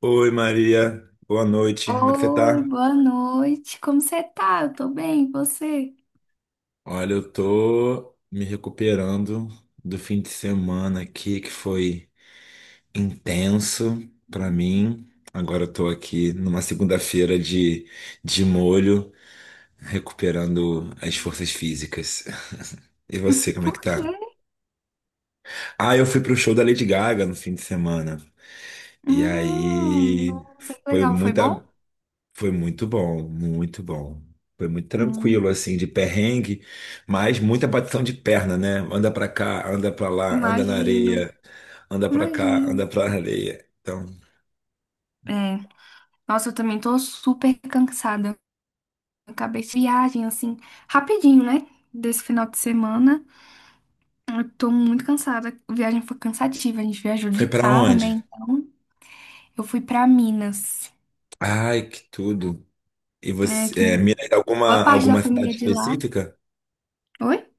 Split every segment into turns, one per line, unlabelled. Oi Maria, boa noite. Como é que você
Oi,
tá?
boa noite. Como você tá? Eu tô bem, e você?
Olha, eu tô me recuperando do fim de semana aqui que foi intenso pra mim. Agora eu tô aqui numa segunda-feira de molho, recuperando as forças físicas. E você, como é
Por
que tá?
quê?
Ah, eu fui pro show da Lady Gaga no fim de semana. E aí
Nossa, que
foi
legal. Foi
muita
bom?
Foi muito bom, muito bom. Foi muito
Hum,
tranquilo, assim, de perrengue, mas muita batidão de perna, né? Anda pra cá, anda pra lá, anda na
Imagino,
areia, anda pra cá,
imagino.
anda pra areia. Então,
É, nossa, eu também tô super cansada. Eu acabei de viagem, assim, rapidinho, né? Desse final de semana. Eu tô muito cansada. A viagem foi cansativa. A gente viajou
foi
de
pra
carro, né?
onde?
Então, eu fui pra Minas,
Ai, que tudo. E
né? Que
você, é, mira em
boa
alguma,
parte da
alguma
família
cidade
é de lá.
específica?
Oi?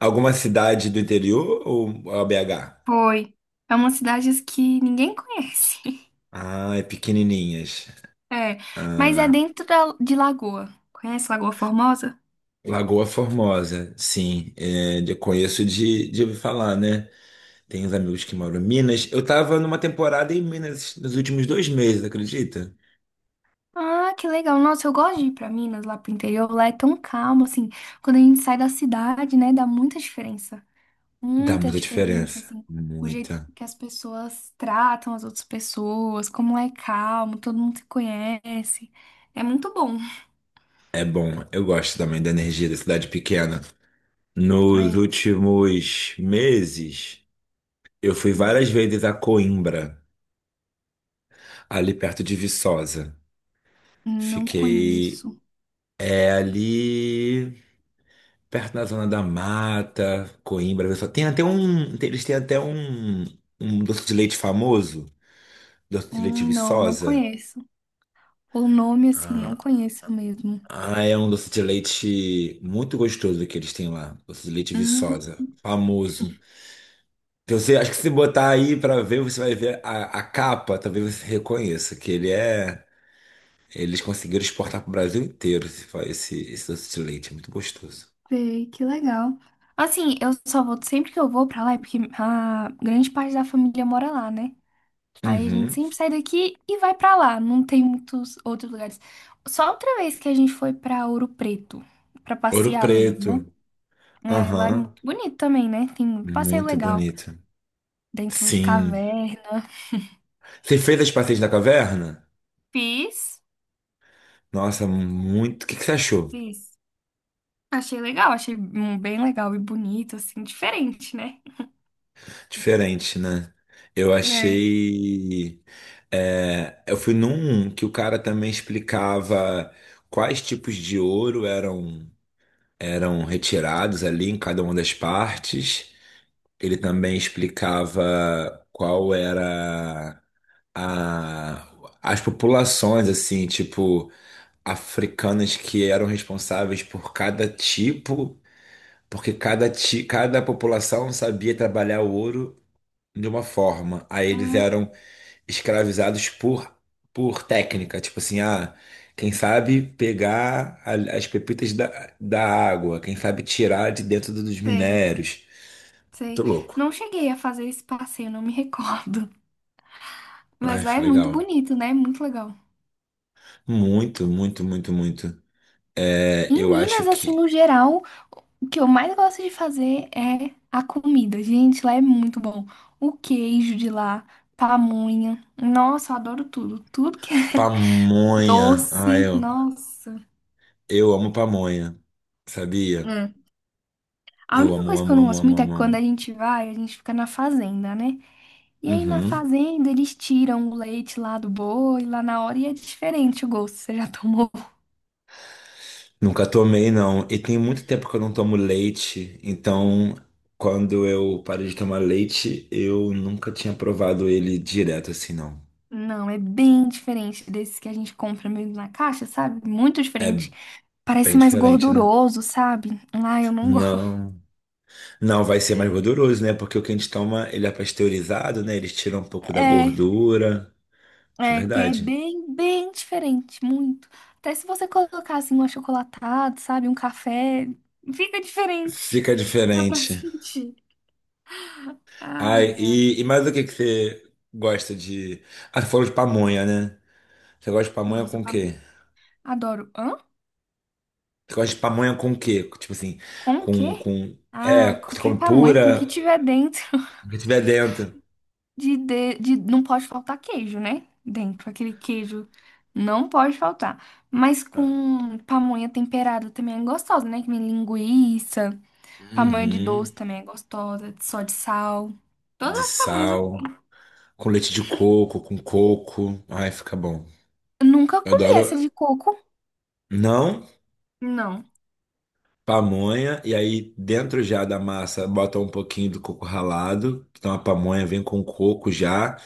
Alguma cidade do interior ou a BH?
Foi. É umas cidades que ninguém conhece.
Ah, é pequenininhas.
É, mas é
Ah,
dentro de Lagoa. Conhece Lagoa Formosa?
Lagoa Formosa, sim. É, conheço de ouvir falar, né? Tem uns amigos que moram em Minas. Eu tava numa temporada em Minas nos últimos dois meses, acredita?
Ah, que legal. Nossa, eu gosto de ir pra Minas, lá pro interior. Lá é tão calmo, assim. Quando a gente sai da cidade, né, dá muita diferença.
Dá
Muita
muita
diferença,
diferença.
assim. O jeito
Muita.
que as pessoas tratam as outras pessoas, como lá é calmo, todo mundo se conhece. É muito bom.
É bom. Eu gosto também da energia da cidade pequena. Nos
É.
últimos meses, eu fui várias vezes a Coimbra, ali perto de Viçosa.
Não
Fiquei.
conheço.
É ali perto da Zona da Mata. Coimbra só tem até um, tem- eles têm até um, um doce de leite famoso, doce de leite
Não, não
Viçosa.
conheço. O nome, assim,
Ah,
não conheço mesmo.
ah, é um doce de leite muito gostoso que eles têm lá, doce de leite
Hum,
Viçosa, famoso. Então, você, acho que se botar aí pra ver, você vai ver a capa, talvez você reconheça que ele é, eles conseguiram exportar pro Brasil inteiro esse doce de leite, é muito gostoso.
Sei, que legal. Assim, eu só vou, sempre que eu vou pra lá, é porque a grande parte da família mora lá, né? Aí a gente
Uhum.
sempre sai daqui e vai pra lá. Não tem muitos outros lugares. Só outra vez que a gente foi pra Ouro Preto, pra
Ouro
passear mesmo, né?
Preto.
É, lá é muito
Aham.
bonito também, né? Tem muito passeio
Muito
legal
bonito.
dentro de
Sim.
caverna.
Você fez as passeios da caverna?
Fiz,
Nossa, muito. O que que você achou?
fiz. Achei legal, achei bem legal e bonito, assim, diferente, né?
Diferente, né? Eu
É.
achei. Eu fui num que o cara também explicava quais tipos de ouro eram retirados ali em cada uma das partes. Ele também explicava qual era a... as populações, assim, tipo, africanas que eram responsáveis por cada tipo. Porque cada população sabia trabalhar o ouro de uma forma. Aí eles
Hum,
eram escravizados por técnica. Tipo assim, ah, quem sabe pegar as pepitas da água, quem sabe tirar de dentro dos
Sei.
minérios.
Sei.
Muito louco.
Não cheguei a fazer esse passeio, não me recordo. Mas
Ai,
lá é
foi
muito
legal.
bonito, né? Muito legal.
Muito, muito, muito, muito. É,
Em
eu acho
Minas, assim,
que
no geral, o que eu mais gosto de fazer é a comida. Gente, lá é muito bom. O queijo de lá, pamonha. Nossa, eu adoro tudo. Tudo que é
pamonha.
doce, nossa.
Eu amo pamonha. Sabia?
Hum. A
Eu
única
amo,
coisa que eu
amo,
não
amo,
gosto
amo,
muito é que
amo,
quando
amo.
a gente vai, a gente fica na fazenda, né? E aí na
Uhum.
fazenda eles tiram o leite lá do boi, lá na hora, e é diferente o gosto. Você já tomou?
Nunca tomei, não. E tem muito tempo que eu não tomo leite, então quando eu parei de tomar leite, eu nunca tinha provado ele direto assim, não.
Não, é bem diferente desses que a gente compra mesmo na caixa, sabe? Muito diferente. Parece
Bem
mais
diferente, né?
gorduroso, sabe? Ah, eu não gosto.
Não, não vai ser mais gorduroso, né? Porque o que a gente toma, ele é pasteurizado, né? Eles tiram um pouco da
É,
gordura. É
é
verdade.
bem, bem diferente, muito. Até se você colocar assim um achocolatado, sabe? Um café, fica diferente.
Fica
Dá pra
diferente.
sentir.
Ai,
Ai, ai.
e mais o que que você gosta de. Ah, você falou de pamonha, né? Você gosta de pamonha
Nossa,
com o quê?
pamonha. Adoro. Hã?
Você gosta de pamonha com o quê? Tipo assim,
Com o
com,
quê?
com...
Ah,
É, você
qualquer
come
pamonha, com o que
pura,
tiver dentro.
o que tiver dentro.
Não pode faltar queijo, né? Dentro, aquele queijo não pode faltar. Mas com pamonha temperada também é gostosa, né? Que vem linguiça, pamonha de doce
Uhum.
também é gostosa, só de sal. Todas
De
as pamonhas eu
sal,
como.
com leite de coco, com coco. Ai, fica bom.
Eu nunca
Eu
comi essa
adoro.
de coco.
Não,
Não.
pamonha, e aí dentro já da massa bota um pouquinho do coco ralado. Então a pamonha vem com coco já.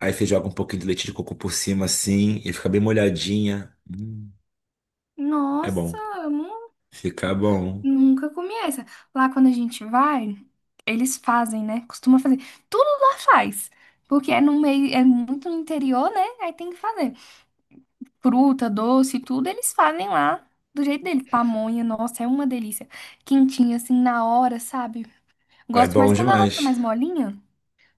Aí você joga um pouquinho de leite de coco por cima assim, e fica bem molhadinha. É
Nossa,
bom.
eu nu-
Fica bom.
nunca comi essa. Lá quando a gente vai, eles fazem, né? Costuma fazer. Tudo lá faz. Porque é no meio, é muito no interior, né? Aí tem que fazer. Fruta, doce, tudo, eles fazem lá do jeito dele. Pamonha, nossa, é uma delícia. Quentinha, assim, na hora, sabe?
É
Gosto
bom
mais quando ela tá
demais.
mais molinha.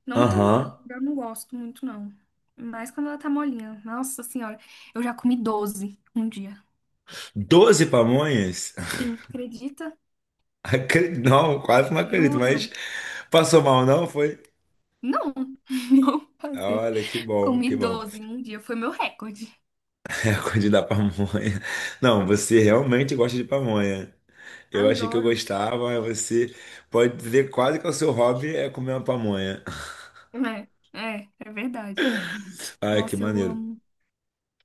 Não tão
Aham.
dura, eu não gosto muito, não. Mas quando ela tá molinha. Nossa senhora, eu já comi 12 um dia.
Doze pamonhas?
Sim, acredita?
Não, quase não acredito,
Juro.
mas passou mal, não? Foi?
Não, não passei.
Olha, que bom, que
Comi
bom.
12 em um dia, foi meu recorde.
É a coisa da pamonha. Não, você realmente gosta de pamonha. Eu achei que eu
Adoro.
gostava, mas você pode dizer quase que é o seu hobby é comer uma pamonha.
É, é, é verdade.
Ai, que
Nossa, eu
maneiro.
amo.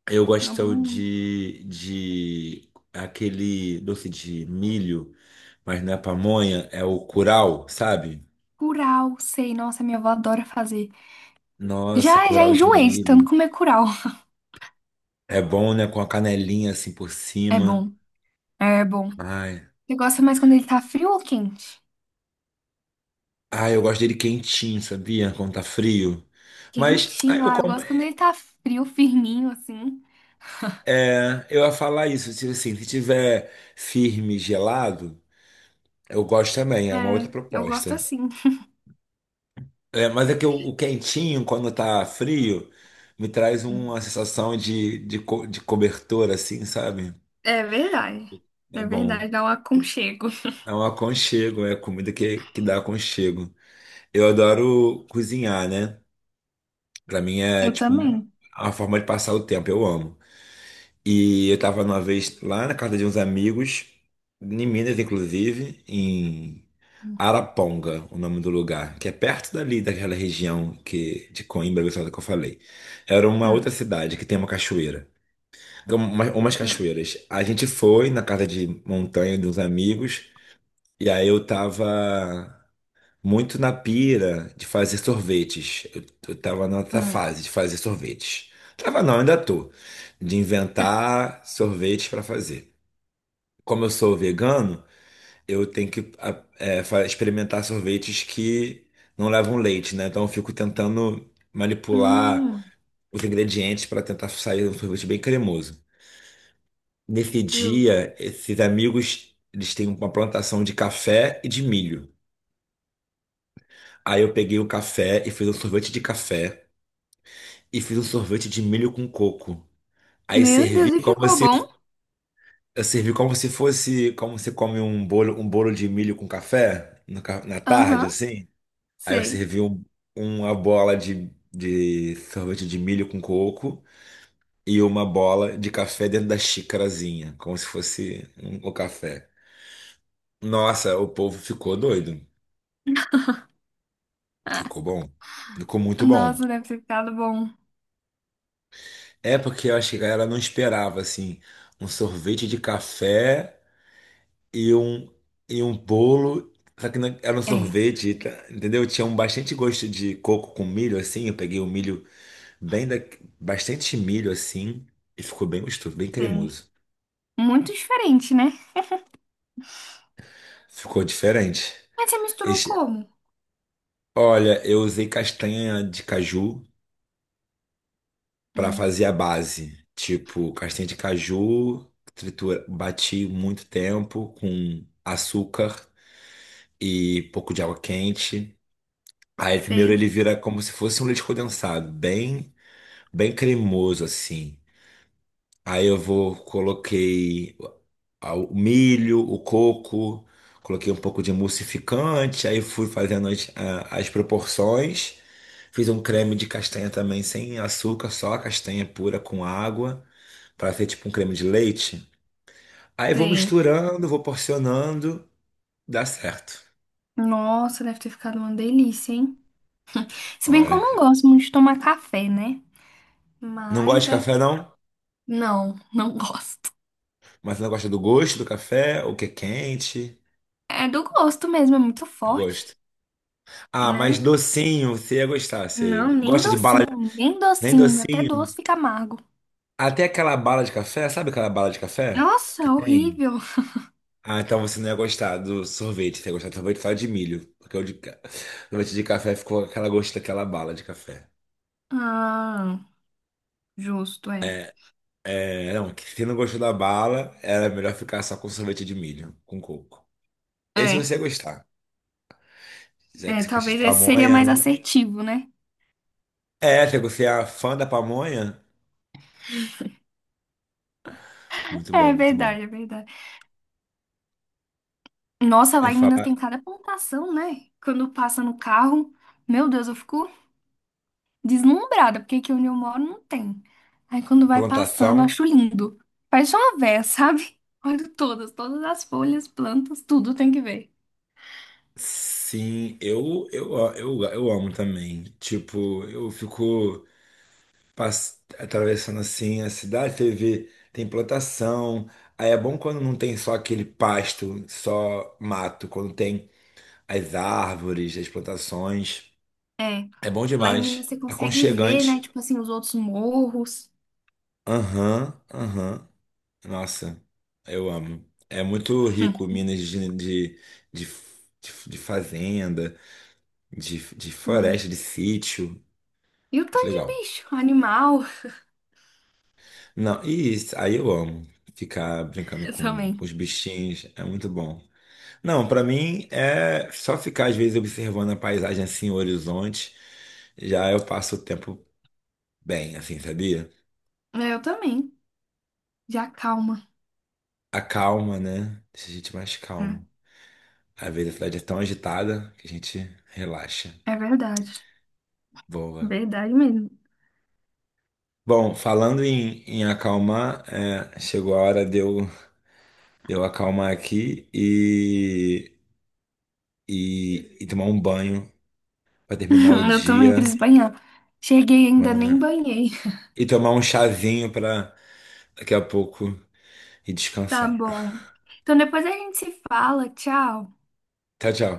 Eu
Amo
gosto
muito.
de aquele doce de milho, mas não é pamonha, é o curau, sabe?
Curau, sei. Nossa, minha avó adora fazer.
Nossa,
Já, já
curau de
enjoei de tanto
milho.
comer curau.
É bom, né? Com a canelinha assim por
É
cima.
bom. É bom.
Ai.
Você gosta mais quando ele tá frio ou quente?
Ai, eu gosto dele quentinho, sabia? Quando tá frio. Mas ai,
Quentinho,
eu
ah, eu
como.
gosto quando ele tá frio, firminho, assim.
É, eu ia falar isso. Tipo assim, se tiver firme, gelado, eu gosto também. É uma outra
É, eu gosto
proposta.
assim.
É, mas é que o quentinho, quando tá frio, me traz
Hum.
uma sensação de cobertor, assim, sabe?
É verdade.
É
É
bom.
verdade, dá um aconchego.
É um aconchego, é comida que dá aconchego. Eu adoro cozinhar, né? Pra mim é
Eu
tipo
também.
a forma de passar o tempo, eu amo. E eu tava uma vez lá na casa de uns amigos, em Minas, inclusive, em
Hum,
Araponga, o nome do lugar, que é perto dali, daquela região de Coimbra, Viçosa, que eu falei. Era uma outra
hum,
cidade que tem uma cachoeira. Então, umas
hum,
cachoeiras. A gente foi na casa de montanha de uns amigos, e aí eu tava muito na pira de fazer sorvetes. Eu tava nessa
hum.
fase de fazer sorvetes. Tava não, ainda tô. De inventar sorvetes para fazer. Como eu sou vegano, eu tenho que experimentar sorvetes que não levam leite, né? Então eu fico tentando manipular
Hum,
os ingredientes para tentar sair um sorvete bem cremoso. Nesse
Justo.
dia, esses amigos, eles têm uma plantação de café e de milho. Aí eu peguei o café e fiz um sorvete de café e fiz um sorvete de milho com coco. Aí
Meu
servi
Deus, e
como
ficou
se,
bom?
eu servi como se fosse, como se come um bolo de milho com café no ca- na tarde,
Aham,
assim. Aí eu
sei.
servi uma bola de sorvete de milho com coco e uma bola de café dentro da xicarazinha, como se fosse o café. Nossa, o povo ficou doido.
Ah,
Ficou bom. Ficou muito
nossa,
bom.
deve ter ficado bom.
É porque eu acho que a galera não esperava, assim, um sorvete de café e um, e um bolo, só que era um
É,
sorvete, tá? Entendeu? Tinha um bastante gosto de coco com milho, assim. Eu peguei o milho bem da... bastante milho, assim, e ficou bem gostoso, bem
sei.
cremoso.
Muito diferente, né?
Ficou diferente.
Mas você misturou
Esse-
como?
Olha, eu usei castanha de caju para
Hum,
fazer a base. Tipo, castanha de caju, tritura, bati muito tempo com açúcar e pouco de água quente. Aí primeiro
Sei,
ele vira como se fosse um leite condensado, bem cremoso assim. Coloquei o milho, o coco, coloquei um pouco de emulsificante, aí fui fazendo as proporções. Fiz um creme de castanha também, sem açúcar, só a castanha pura com água, para ser tipo um creme de leite. Aí vou
sei.
misturando, vou porcionando, dá certo.
Nossa, deve ter ficado uma delícia, hein? Se bem que eu não
Olha,
gosto muito de tomar café, né?
não
Mas
gosto de
deve
café
ter...
não,
Não, não gosto.
mas não gosta do gosto do café, o que é quente.
É do gosto mesmo, é muito
Eu
forte,
gosto. Ah, mas
né?
docinho, você ia gostar. Você
Não, nem
gosta de bala,
docinho, nem
nem
docinho. Até
docinho.
doce fica amargo.
Até aquela bala de café, sabe aquela bala de café que
Nossa,
tem?
horrível.
Ah, então você não ia gostar do sorvete. Você ia gostar do sorvete só de milho. Porque o sorvete de café ficou aquela gosto daquela bala de café.
Ah, justo, é.
É, não, que se não gostou da bala, era melhor ficar só com sorvete de milho, com coco. Esse
É,
você ia gostar. Já que você gosta de
Talvez esse seria
pamonha,
mais
né?
assertivo, né?
É, se você é fã da pamonha, muito
É
bom, muito bom.
verdade, é verdade. Nossa,
Em
lá em Minas
falar
tem cada plantação, né? Quando passa no carro, meu Deus, eu fico deslumbrada, porque aqui onde eu moro não tem. Aí quando vai passando, eu
plantação.
acho lindo. Parece uma véia, sabe? Olho todas, todas as folhas, plantas, tudo tem que ver.
Sim, eu amo também. Tipo, eu fico atravessando assim a cidade, você vê, tem plantação. Aí é bom quando não tem só aquele pasto, só mato, quando tem as árvores, as plantações.
É,
É bom
lá em Minas
demais.
você consegue ver, né?
Aconchegante.
Tipo assim, os outros morros.
Aham, aham. Nossa, eu amo. É muito rico, Minas de, de fazenda, de
Hum.
floresta, de sítio.
E o
Muito
tanto
legal.
de bicho, animal.
Não, e isso, aí eu amo. Ficar brincando
Eu também.
com os bichinhos é muito bom. Não, pra mim é só ficar às vezes observando a paisagem assim, o horizonte, já eu passo o tempo bem, assim, sabia?
É, eu também. Já calma.
A calma, né? Deixa a gente mais
É,
calmo. Às vezes a cidade é tão agitada que a gente relaxa,
é verdade.
boa.
Verdade mesmo.
Bom, falando em acalmar, é, chegou a hora de eu acalmar aqui e tomar um banho para terminar o
Eu também
dia.
preciso banhar. Cheguei, e
Mas...
ainda nem banhei.
E tomar um chazinho pra daqui a pouco e
Tá
descansar.
bom. Então depois a gente se fala. Tchau.
Tchau, tchau.